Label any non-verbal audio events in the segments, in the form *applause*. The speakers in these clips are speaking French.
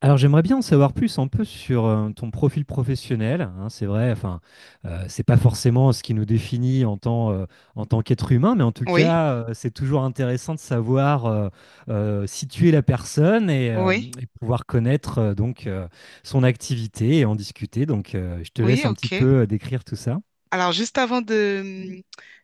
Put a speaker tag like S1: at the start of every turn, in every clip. S1: Alors j'aimerais bien en savoir plus un peu sur ton profil professionnel, hein, c'est vrai, enfin, c'est pas forcément ce qui nous définit en tant qu'être humain, mais en tout
S2: Oui,
S1: cas, c'est toujours intéressant de savoir situer la personne et
S2: oui,
S1: et pouvoir connaître donc son activité et en discuter. Donc je te
S2: oui,
S1: laisse un petit
S2: ok.
S1: peu décrire tout ça.
S2: Alors, juste avant de,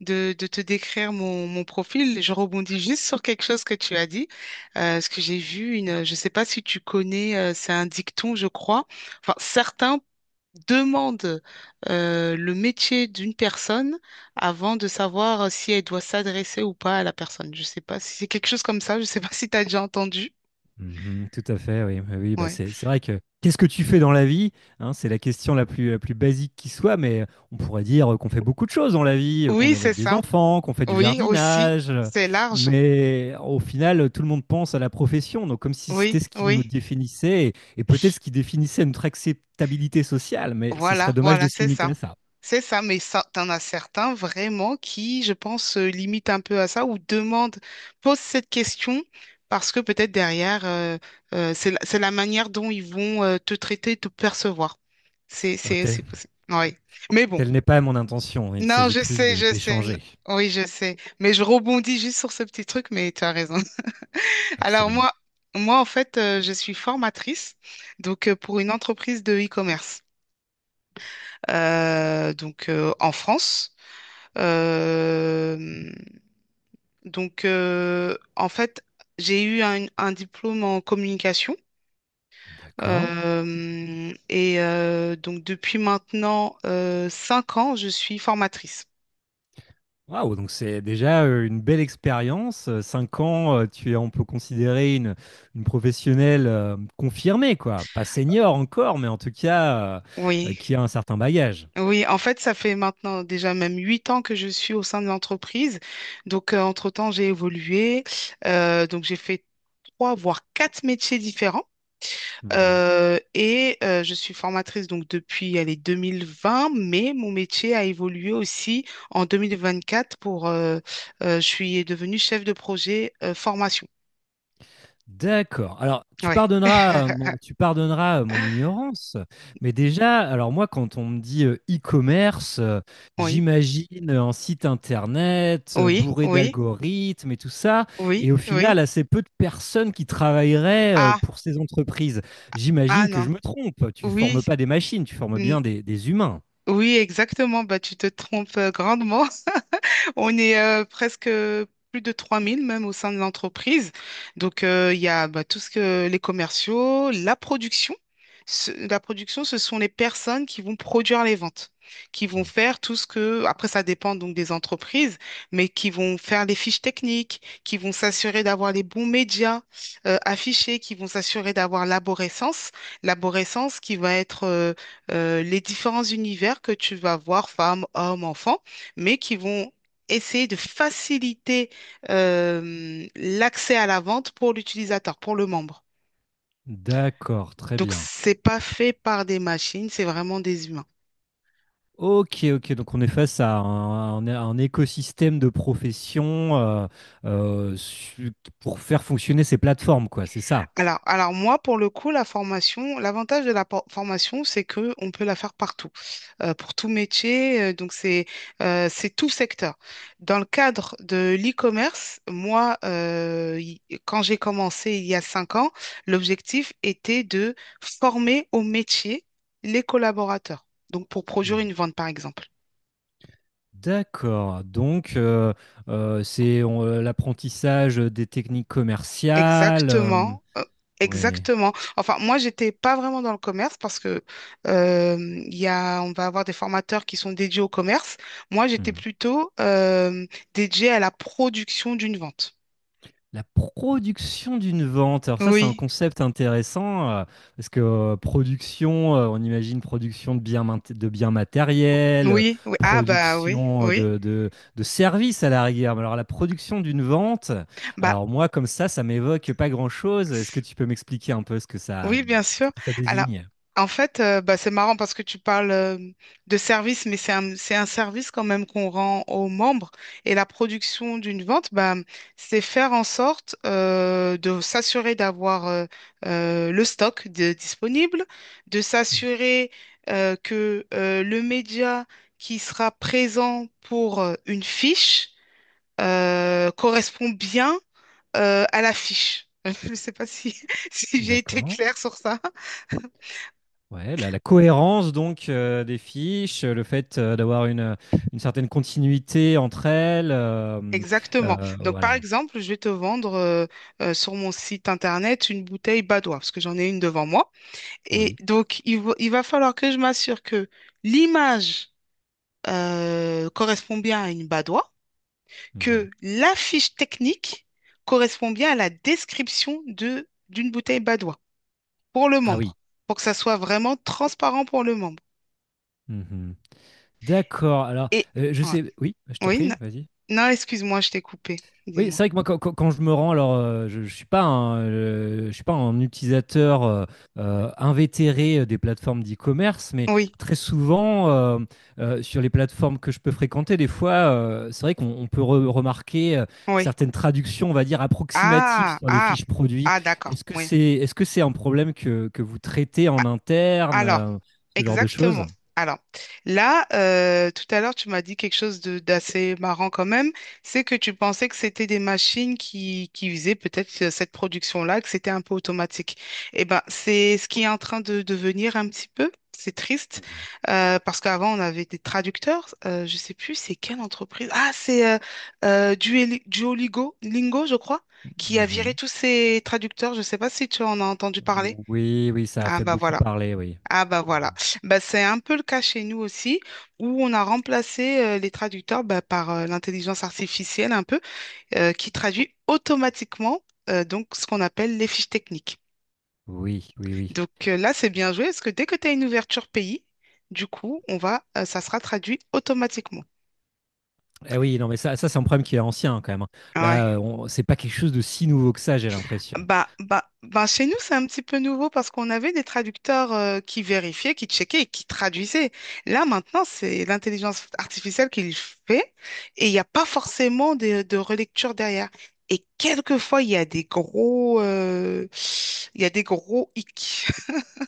S2: de te décrire mon profil, je rebondis juste sur quelque chose que tu as dit. Ce que j'ai vu, une, je ne sais pas si tu connais, c'est un dicton, je crois. Enfin, certains demandent le métier d'une personne avant de savoir si elle doit s'adresser ou pas à la personne. Je ne sais pas si c'est quelque chose comme ça. Je ne sais pas si tu as déjà entendu.
S1: Mhm, tout à fait, oui. Oui, oui, bah
S2: Ouais.
S1: c'est vrai que qu'est-ce que tu fais dans la vie? Hein, c'est la question la plus basique qui soit, mais on pourrait dire qu'on fait beaucoup de choses dans la vie, qu'on
S2: Oui, c'est
S1: élève des
S2: ça.
S1: enfants, qu'on fait du
S2: Oui, aussi.
S1: jardinage,
S2: C'est large.
S1: mais au final, tout le monde pense à la profession, donc comme si
S2: Oui,
S1: c'était ce qui nous
S2: oui.
S1: définissait, et peut-être ce qui définissait notre acceptabilité sociale, mais ce serait
S2: Voilà,
S1: dommage de
S2: voilà,
S1: se
S2: c'est
S1: limiter
S2: ça.
S1: à ça.
S2: C'est ça, mais ça, t'en as certains vraiment qui, je pense, se limitent un peu à ça ou demandent, posent cette question parce que peut-être derrière, c'est la manière dont ils vont te traiter, te percevoir. C'est,
S1: Oh,
S2: c'est
S1: tel
S2: possible. Oui. Mais bon.
S1: telle n'est pas mon intention, il
S2: Non,
S1: s'agit
S2: je
S1: plus
S2: sais, je sais.
S1: d'échanger.
S2: Oui, je sais. Mais je rebondis juste sur ce petit truc, mais tu as raison. *laughs* Alors
S1: Absolument.
S2: moi, moi, en fait, je suis formatrice, donc pour une entreprise de e-commerce donc en France. Euh, en fait, j'ai eu un diplôme en communication.
S1: D'accord.
S2: Et donc depuis maintenant 5 ans, je suis formatrice.
S1: Waouh, donc c'est déjà une belle expérience. Cinq ans, tu es, on peut considérer une professionnelle confirmée, quoi. Pas senior encore, mais en tout cas,
S2: Oui,
S1: qui a un certain bagage.
S2: oui, en fait, ça fait maintenant déjà même 8 ans que je suis au sein de l'entreprise. Donc, entre-temps, j'ai évolué. Donc, j'ai fait trois, voire quatre métiers différents.
S1: Mhm.
S2: Et je suis formatrice donc depuis allez, 2020, mais mon métier a évolué aussi en 2024 pour je suis devenue chef de projet formation.
S1: D'accord. Alors, tu
S2: Ouais.
S1: pardonneras, mon,
S2: *laughs*
S1: tu pardonneras mon ignorance, mais déjà, alors moi, quand on me dit e-commerce,
S2: Oui,
S1: j'imagine un site internet
S2: oui,
S1: bourré
S2: oui,
S1: d'algorithmes et tout ça,
S2: oui,
S1: et au
S2: oui.
S1: final, assez peu de personnes qui travailleraient
S2: Ah,
S1: pour ces entreprises.
S2: ah
S1: J'imagine que
S2: non.
S1: je me trompe. Tu
S2: Oui,
S1: formes pas des machines, tu formes
S2: n-
S1: bien des humains.
S2: oui, exactement. Bah, tu te trompes grandement. On est presque plus de 3 000 même au sein de l'entreprise. Donc, il y a bah, tout ce que les commerciaux, la production. La production, ce sont les personnes qui vont produire les ventes, qui vont
S1: Mm.
S2: faire tout ce que, après ça dépend donc des entreprises, mais qui vont faire les fiches techniques, qui vont s'assurer d'avoir les bons médias affichés, qui vont s'assurer d'avoir l'aborescence. L'aborescence qui va être les différents univers que tu vas voir, femmes, hommes, enfants mais qui vont essayer de faciliter l'accès à la vente pour l'utilisateur, pour le membre.
S1: D'accord, très
S2: Donc,
S1: bien.
S2: c'est pas fait par des machines, c'est vraiment des humains.
S1: Ok, ok, donc on est face à un, un écosystème de professions euh, su- pour faire fonctionner ces plateformes, quoi, c'est ça.
S2: Alors moi, pour le coup, la formation, l'avantage de la formation, c'est que on peut la faire partout, pour tout métier. Donc, c'est tout secteur. Dans le cadre de l'e-commerce, moi, quand j'ai commencé il y a 5 ans, l'objectif était de former au métier les collaborateurs. Donc, pour produire
S1: Hmm.
S2: une vente, par exemple.
S1: D'accord, donc c'est l'apprentissage des techniques commerciales. Euh,
S2: Exactement,
S1: oui.
S2: exactement. Enfin, moi, j'étais pas vraiment dans le commerce parce que euh, il y a, on va avoir des formateurs qui sont dédiés au commerce. Moi, j'étais plutôt dédiée à la production d'une vente.
S1: La production d'une vente. Alors ça, c'est un
S2: Oui,
S1: concept intéressant parce que production, on imagine production de biens, de biens matériels,
S2: oui, oui. Ah bah oui,
S1: production
S2: oui.
S1: de services à la rigueur. Mais alors la production d'une vente,
S2: Bah.
S1: alors moi, comme ça m'évoque pas grand-chose. Est-ce que tu peux m'expliquer un peu
S2: Oui, bien
S1: ce
S2: sûr.
S1: que ça
S2: Alors,
S1: désigne?
S2: en fait, bah, c'est marrant parce que tu parles de service, mais c'est un service quand même qu'on rend aux membres. Et la production d'une vente, bah, c'est faire en sorte de s'assurer d'avoir le disponible, de s'assurer que le média qui sera présent pour une fiche correspond bien à la fiche. *laughs* Je ne sais pas si, *laughs* si j'ai été
S1: D'accord.
S2: claire sur ça.
S1: Ouais, la cohérence donc des fiches, le fait d'avoir une certaine continuité entre elles,
S2: Exactement. Donc, par
S1: voilà.
S2: exemple, je vais te vendre sur mon site internet une bouteille Badoit, parce que j'en ai une devant moi. Et
S1: Oui.
S2: donc, il va falloir que je m'assure que l'image correspond bien à une Badoit,
S1: Mhm.
S2: que la fiche technique correspond bien à la description de, d'une bouteille Badoit pour le
S1: Ah oui.
S2: membre, pour que ça soit vraiment transparent pour le membre.
S1: Mhm. D'accord. Alors,
S2: Et,
S1: je
S2: ouais.
S1: sais. Oui, je t'en
S2: Oui,
S1: prie,
S2: non,
S1: vas-y.
S2: non, excuse-moi, je t'ai coupé.
S1: Oui,
S2: Dis-moi.
S1: c'est vrai que moi, quand, quand je me rends, alors, je ne je suis, pas un, je suis pas un utilisateur invétéré des plateformes d'e-commerce, mais
S2: Oui,
S1: très souvent, sur les plateformes que je peux fréquenter, des fois, c'est vrai qu'on peut remarquer
S2: oui.
S1: certaines traductions, on va dire, approximatives
S2: Ah,
S1: sur les
S2: ah,
S1: fiches produits.
S2: ah, d'accord. Oui.
S1: Est-ce que c'est un problème que vous traitez
S2: Ah,
S1: en interne,
S2: alors,
S1: ce genre de
S2: exactement.
S1: choses?
S2: Alors, là, tout à l'heure, tu m'as dit quelque chose de d'assez marrant quand même, c'est que tu pensais que c'était des machines qui faisaient peut-être cette production-là, que c'était un peu automatique. Eh ben, c'est ce qui est en train de devenir un petit peu. C'est triste, parce qu'avant, on avait des traducteurs. Je sais plus, c'est quelle entreprise? Ah, c'est Duolingo, Lingo, je crois, qui a viré
S1: Mhm.
S2: tous ses traducteurs. Je sais pas si tu en as entendu parler.
S1: Oui, oui, ça a
S2: Ah,
S1: fait
S2: bah
S1: beaucoup
S2: voilà.
S1: parler, oui.
S2: Ah bah voilà,
S1: Mhm.
S2: bah, c'est un peu le cas chez nous aussi, où on a remplacé les traducteurs bah, par l'intelligence artificielle un peu, qui traduit automatiquement donc ce qu'on appelle les fiches techniques.
S1: Oui, oui, oui.
S2: Donc là, c'est bien joué, parce que dès que tu as une ouverture pays, du coup, on va, ça sera traduit automatiquement.
S1: Eh oui, non, mais ça c'est un problème qui est ancien quand même, hein.
S2: Ouais.
S1: Là, on- c'est pas quelque chose de si nouveau que ça, j'ai l'impression.
S2: Bah, chez nous, c'est un petit peu nouveau parce qu'on avait des traducteurs qui vérifiaient, qui checkaient et qui traduisaient. Là, maintenant, c'est l'intelligence artificielle qui le fait et il n'y a pas forcément de relecture derrière. Et quelquefois, il y a des gros hic.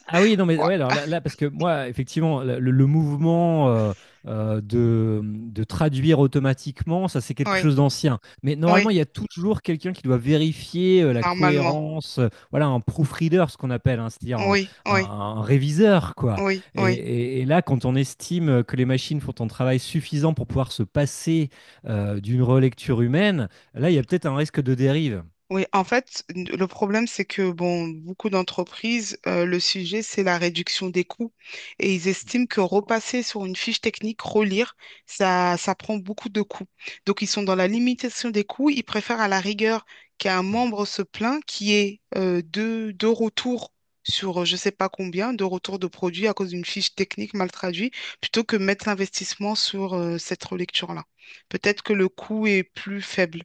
S1: Ah oui, non, mais ouais,
S2: *laughs*
S1: alors là, là, parce que moi, effectivement, le mouvement de traduire automatiquement, ça, c'est quelque
S2: Ouais,
S1: chose d'ancien. Mais
S2: oui, oui,
S1: normalement, il y a toujours quelqu'un qui doit vérifier la
S2: normalement.
S1: cohérence, voilà, un proofreader, ce qu'on appelle, hein, c'est-à-dire un,
S2: Oui,
S1: un-
S2: oui,
S1: un réviseur, quoi.
S2: oui,
S1: Et,
S2: oui.
S1: et là, quand on estime que les machines font un travail suffisant pour pouvoir se passer d'une relecture humaine, là, il y a peut-être un risque de dérive.
S2: Oui, en fait, le problème, c'est que bon, beaucoup d'entreprises, le sujet, c'est la réduction des coûts. Et ils estiment que repasser sur une fiche technique, relire, ça prend beaucoup de coûts. Donc, ils sont dans la limitation des coûts. Ils préfèrent à la rigueur qu'un
S1: Hmm.
S2: membre se plaint, deux retours sur je ne sais pas combien, deux retours de produits à cause d'une fiche technique mal traduite, plutôt que mettre l'investissement sur cette relecture-là. Peut-être que le coût est plus faible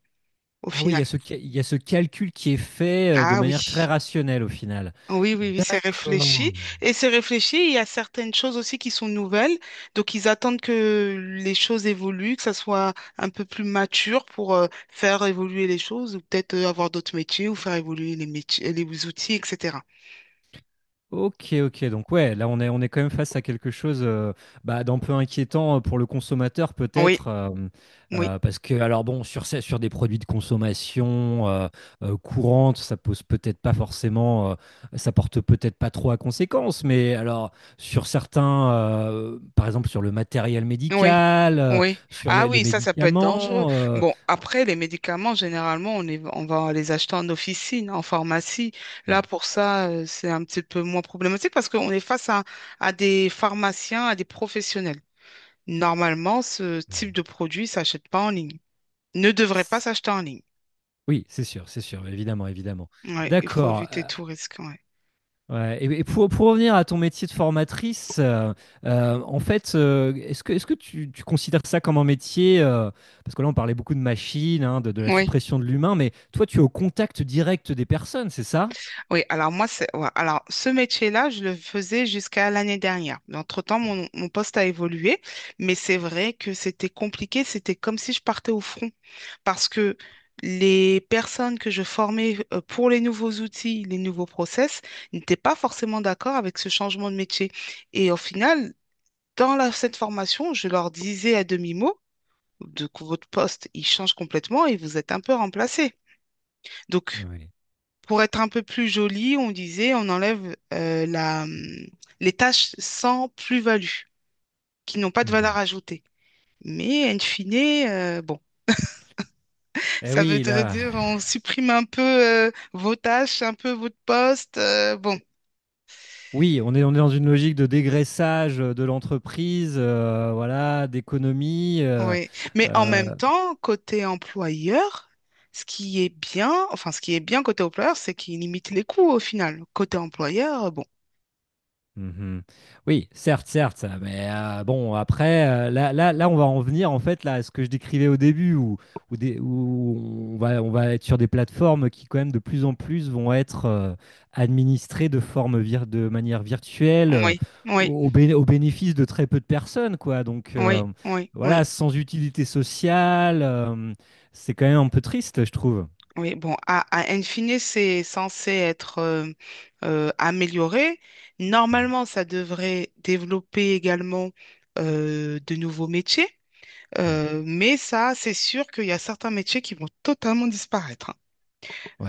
S2: au
S1: Ah oui, il
S2: final.
S1: y a ce, il y a ce calcul qui est fait de
S2: Ah
S1: manière très
S2: oui.
S1: rationnelle au final.
S2: Oui, oui, oui, c'est réfléchi.
S1: D'accord.
S2: Et c'est réfléchi, il y a certaines choses aussi qui sont nouvelles. Donc, ils attendent que les choses évoluent, que ça soit un peu plus mature pour faire évoluer les choses ou peut-être avoir d'autres métiers ou faire évoluer les métiers, les outils, etc.
S1: Ok, ok. Donc ouais, là on est quand même face à quelque chose bah, d'un peu inquiétant pour le consommateur
S2: Oui,
S1: peut-être,
S2: oui.
S1: parce que alors bon, sur, sur des produits de consommation courante, ça pose peut-être pas forcément, ça porte peut-être pas trop à conséquence, mais alors sur certains, par exemple sur le matériel
S2: Oui,
S1: médical,
S2: oui.
S1: sur
S2: Ah
S1: les
S2: oui, ça peut être dangereux.
S1: médicaments. Euh,
S2: Bon, après, les médicaments, généralement, on va les acheter en officine, en pharmacie. Là, pour ça, c'est un petit peu moins problématique parce qu'on est face à des pharmaciens, à des professionnels. Normalement, ce type
S1: ouais.
S2: de produit s'achète pas en ligne. Ne devrait pas s'acheter en ligne.
S1: Oui, c'est sûr, évidemment, évidemment.
S2: Ouais, il faut
S1: D'accord.
S2: éviter
S1: Euh,
S2: tout risque. Ouais.
S1: ouais, et pour revenir à ton métier de formatrice, en fait, est-ce que tu considères ça comme un métier, parce que là, on parlait beaucoup de machines, hein, de la
S2: Oui.
S1: suppression de l'humain, mais toi, tu es au contact direct des personnes, c'est ça?
S2: Oui, alors moi, c'est, ouais, alors ce métier-là, je le faisais jusqu'à l'année dernière. Mais entre-temps, mon poste a évolué, mais c'est vrai que c'était compliqué. C'était comme si je partais au front parce que les personnes que je formais pour les nouveaux outils, les nouveaux process, n'étaient pas forcément d'accord avec ce changement de métier. Et au final, cette formation, je leur disais à demi-mot de que votre poste, il change complètement et vous êtes un peu remplacé. Donc,
S1: Oui.
S2: pour être un peu plus joli, on disait, on enlève les tâches sans plus-value, qui n'ont pas de valeur
S1: Mhm.
S2: ajoutée. Mais in fine, bon, *laughs*
S1: Eh
S2: ça veut
S1: oui,
S2: dire
S1: là,
S2: dire on supprime un peu vos tâches, un peu votre poste. Bon,
S1: oui, on est dans une logique de dégraissage de l'entreprise, voilà, d'économie.
S2: oui. Mais en même
S1: Euh,
S2: temps, côté employeur, ce qui est bien, enfin, ce qui est bien côté employeur, c'est qu'il limite les coûts au final. Côté employeur, bon,
S1: Mhm. Oui, certes, certes, mais bon, après, là, là, là, on va en venir en fait là, à ce que je décrivais au début, où, où où on va être sur des plateformes qui, quand même, de plus en plus vont être administrées de de manière virtuelle,
S2: oui, oui,
S1: au, au bénéfice de très peu de personnes, quoi. Donc,
S2: oui, oui, oui.
S1: voilà, sans utilité sociale, c'est quand même un peu triste, je trouve.
S2: Oui, bon, à in fine, c'est censé être amélioré.
S1: Mm,
S2: Normalement, ça devrait développer également de nouveaux métiers.
S1: bien.
S2: Mais ça, c'est sûr qu'il y a certains métiers qui vont totalement disparaître, hein.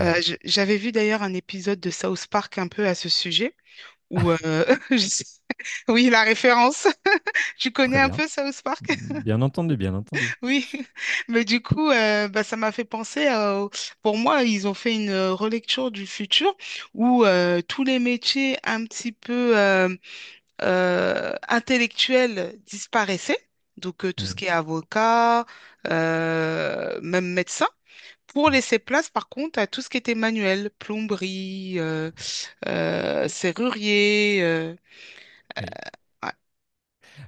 S2: J'avais vu d'ailleurs un épisode de South Park un peu à ce sujet, où, *laughs* je sais- oui, la référence, *laughs* tu connais
S1: très
S2: un
S1: bien.
S2: peu South Park?
S1: Bien entendu, bien entendu.
S2: Oui, *laughs* mais du coup, bah, ça m'a fait penser à... Pour moi, ils ont fait une relecture du futur où tous les métiers un petit peu intellectuels disparaissaient. Donc, tout ce
S1: Mm,
S2: qui est avocat, même médecin, pour
S1: mm.
S2: laisser place, par contre, à tout ce qui était manuel, plomberie, serrurier.
S1: Oui.
S2: Ah,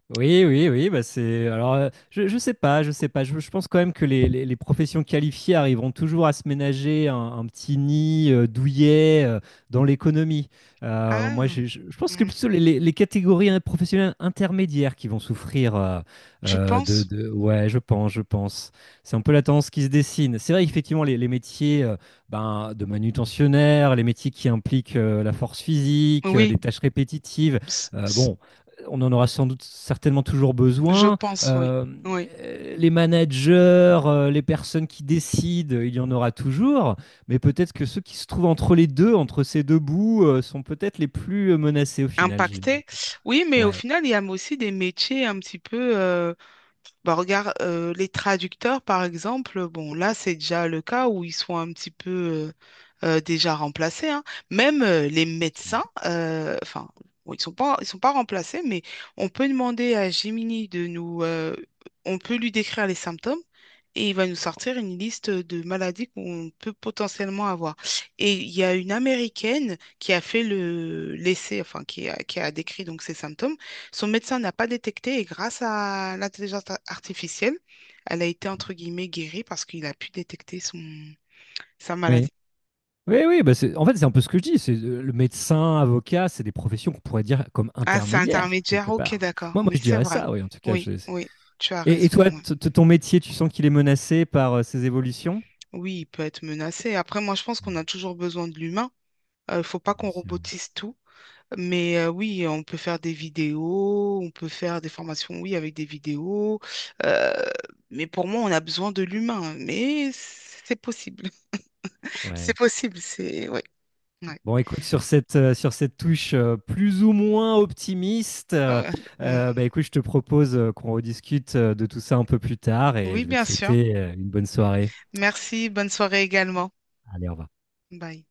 S1: Oui, oui, oui, bah c'est. Alors, je sais pas, je sais pas. Je pense quand même que les, les professions qualifiées arriveront toujours à se ménager un petit nid douillet dans l'économie. Moi,
S2: ah,
S1: je, je pense que
S2: hmm.
S1: plutôt les, les catégories hein, professionnelles intermédiaires qui vont souffrir
S2: Tu penses?
S1: Ouais, je pense, je pense. C'est un peu la tendance qui se dessine. C'est vrai, effectivement, les métiers ben, de manutentionnaire, les métiers qui impliquent la force physique,
S2: Oui,
S1: des tâches répétitives.
S2: c- c-
S1: Bon, on en aura sans doute certainement toujours
S2: je
S1: besoin.
S2: pense, oui.
S1: Euh,
S2: Oui.
S1: les managers, les personnes qui décident, il y en aura toujours. Mais peut-être que ceux qui se trouvent entre les deux, entre ces deux bouts, sont peut-être les plus menacés au final.
S2: Impacté. Oui, mais au
S1: Ouais.
S2: final, il y a aussi des métiers un petit peu bah, regarde, les traducteurs, par exemple, bon, là, c'est déjà le cas où ils sont un petit peu déjà remplacés, hein. Même les médecins,
S1: Absolument.
S2: enfin, bon, ils sont pas remplacés, mais on peut demander à Gemini de nous, on peut lui décrire les symptômes et il va nous sortir une liste de maladies qu'on peut potentiellement avoir. Et il y a une Américaine qui a fait le, l'essai, enfin, qui a décrit donc ses symptômes. Son médecin n'a pas détecté et grâce à l'intelligence artificielle, elle a été entre guillemets guérie parce qu'il a pu détecter son, sa
S1: Oui.
S2: maladie.
S1: Oui, oui, bah en fait, c'est un peu ce que je dis. C'est le médecin, avocat, c'est des professions qu'on pourrait dire comme
S2: Ah, c'est
S1: intermédiaires,
S2: intermédiaire,
S1: quelque
S2: ok,
S1: part.
S2: d'accord.
S1: Moi, moi,
S2: Oui,
S1: je
S2: c'est
S1: dirais
S2: vrai.
S1: ça, oui, en tout cas.
S2: Oui, oui, tu as
S1: Et
S2: raison.
S1: toi,
S2: Ouais.
S1: ton métier, tu sens qu'il est menacé par ces évolutions?
S2: Oui, il peut être menacé. Après, moi, je pense
S1: Ouais,
S2: qu'on a toujours besoin de l'humain. Il faut pas
S1: bien
S2: qu'on
S1: sûr.
S2: robotise tout. Mais oui, on peut faire des vidéos, on peut faire des formations, oui, avec des vidéos. Euh, mais pour moi, on a besoin de l'humain. Mais c'est possible. *laughs* C'est
S1: Ouais.
S2: possible, c'est... ouais. Ouais.
S1: Bon, écoute, sur cette touche plus ou moins optimiste,
S2: Ouais. *laughs* On-
S1: bah, écoute, je te propose qu'on rediscute de tout ça un peu plus tard et
S2: Oui,
S1: je vais te
S2: bien sûr.
S1: souhaiter une bonne soirée.
S2: Merci. Bonne soirée également.
S1: Allez, au revoir.
S2: Bye.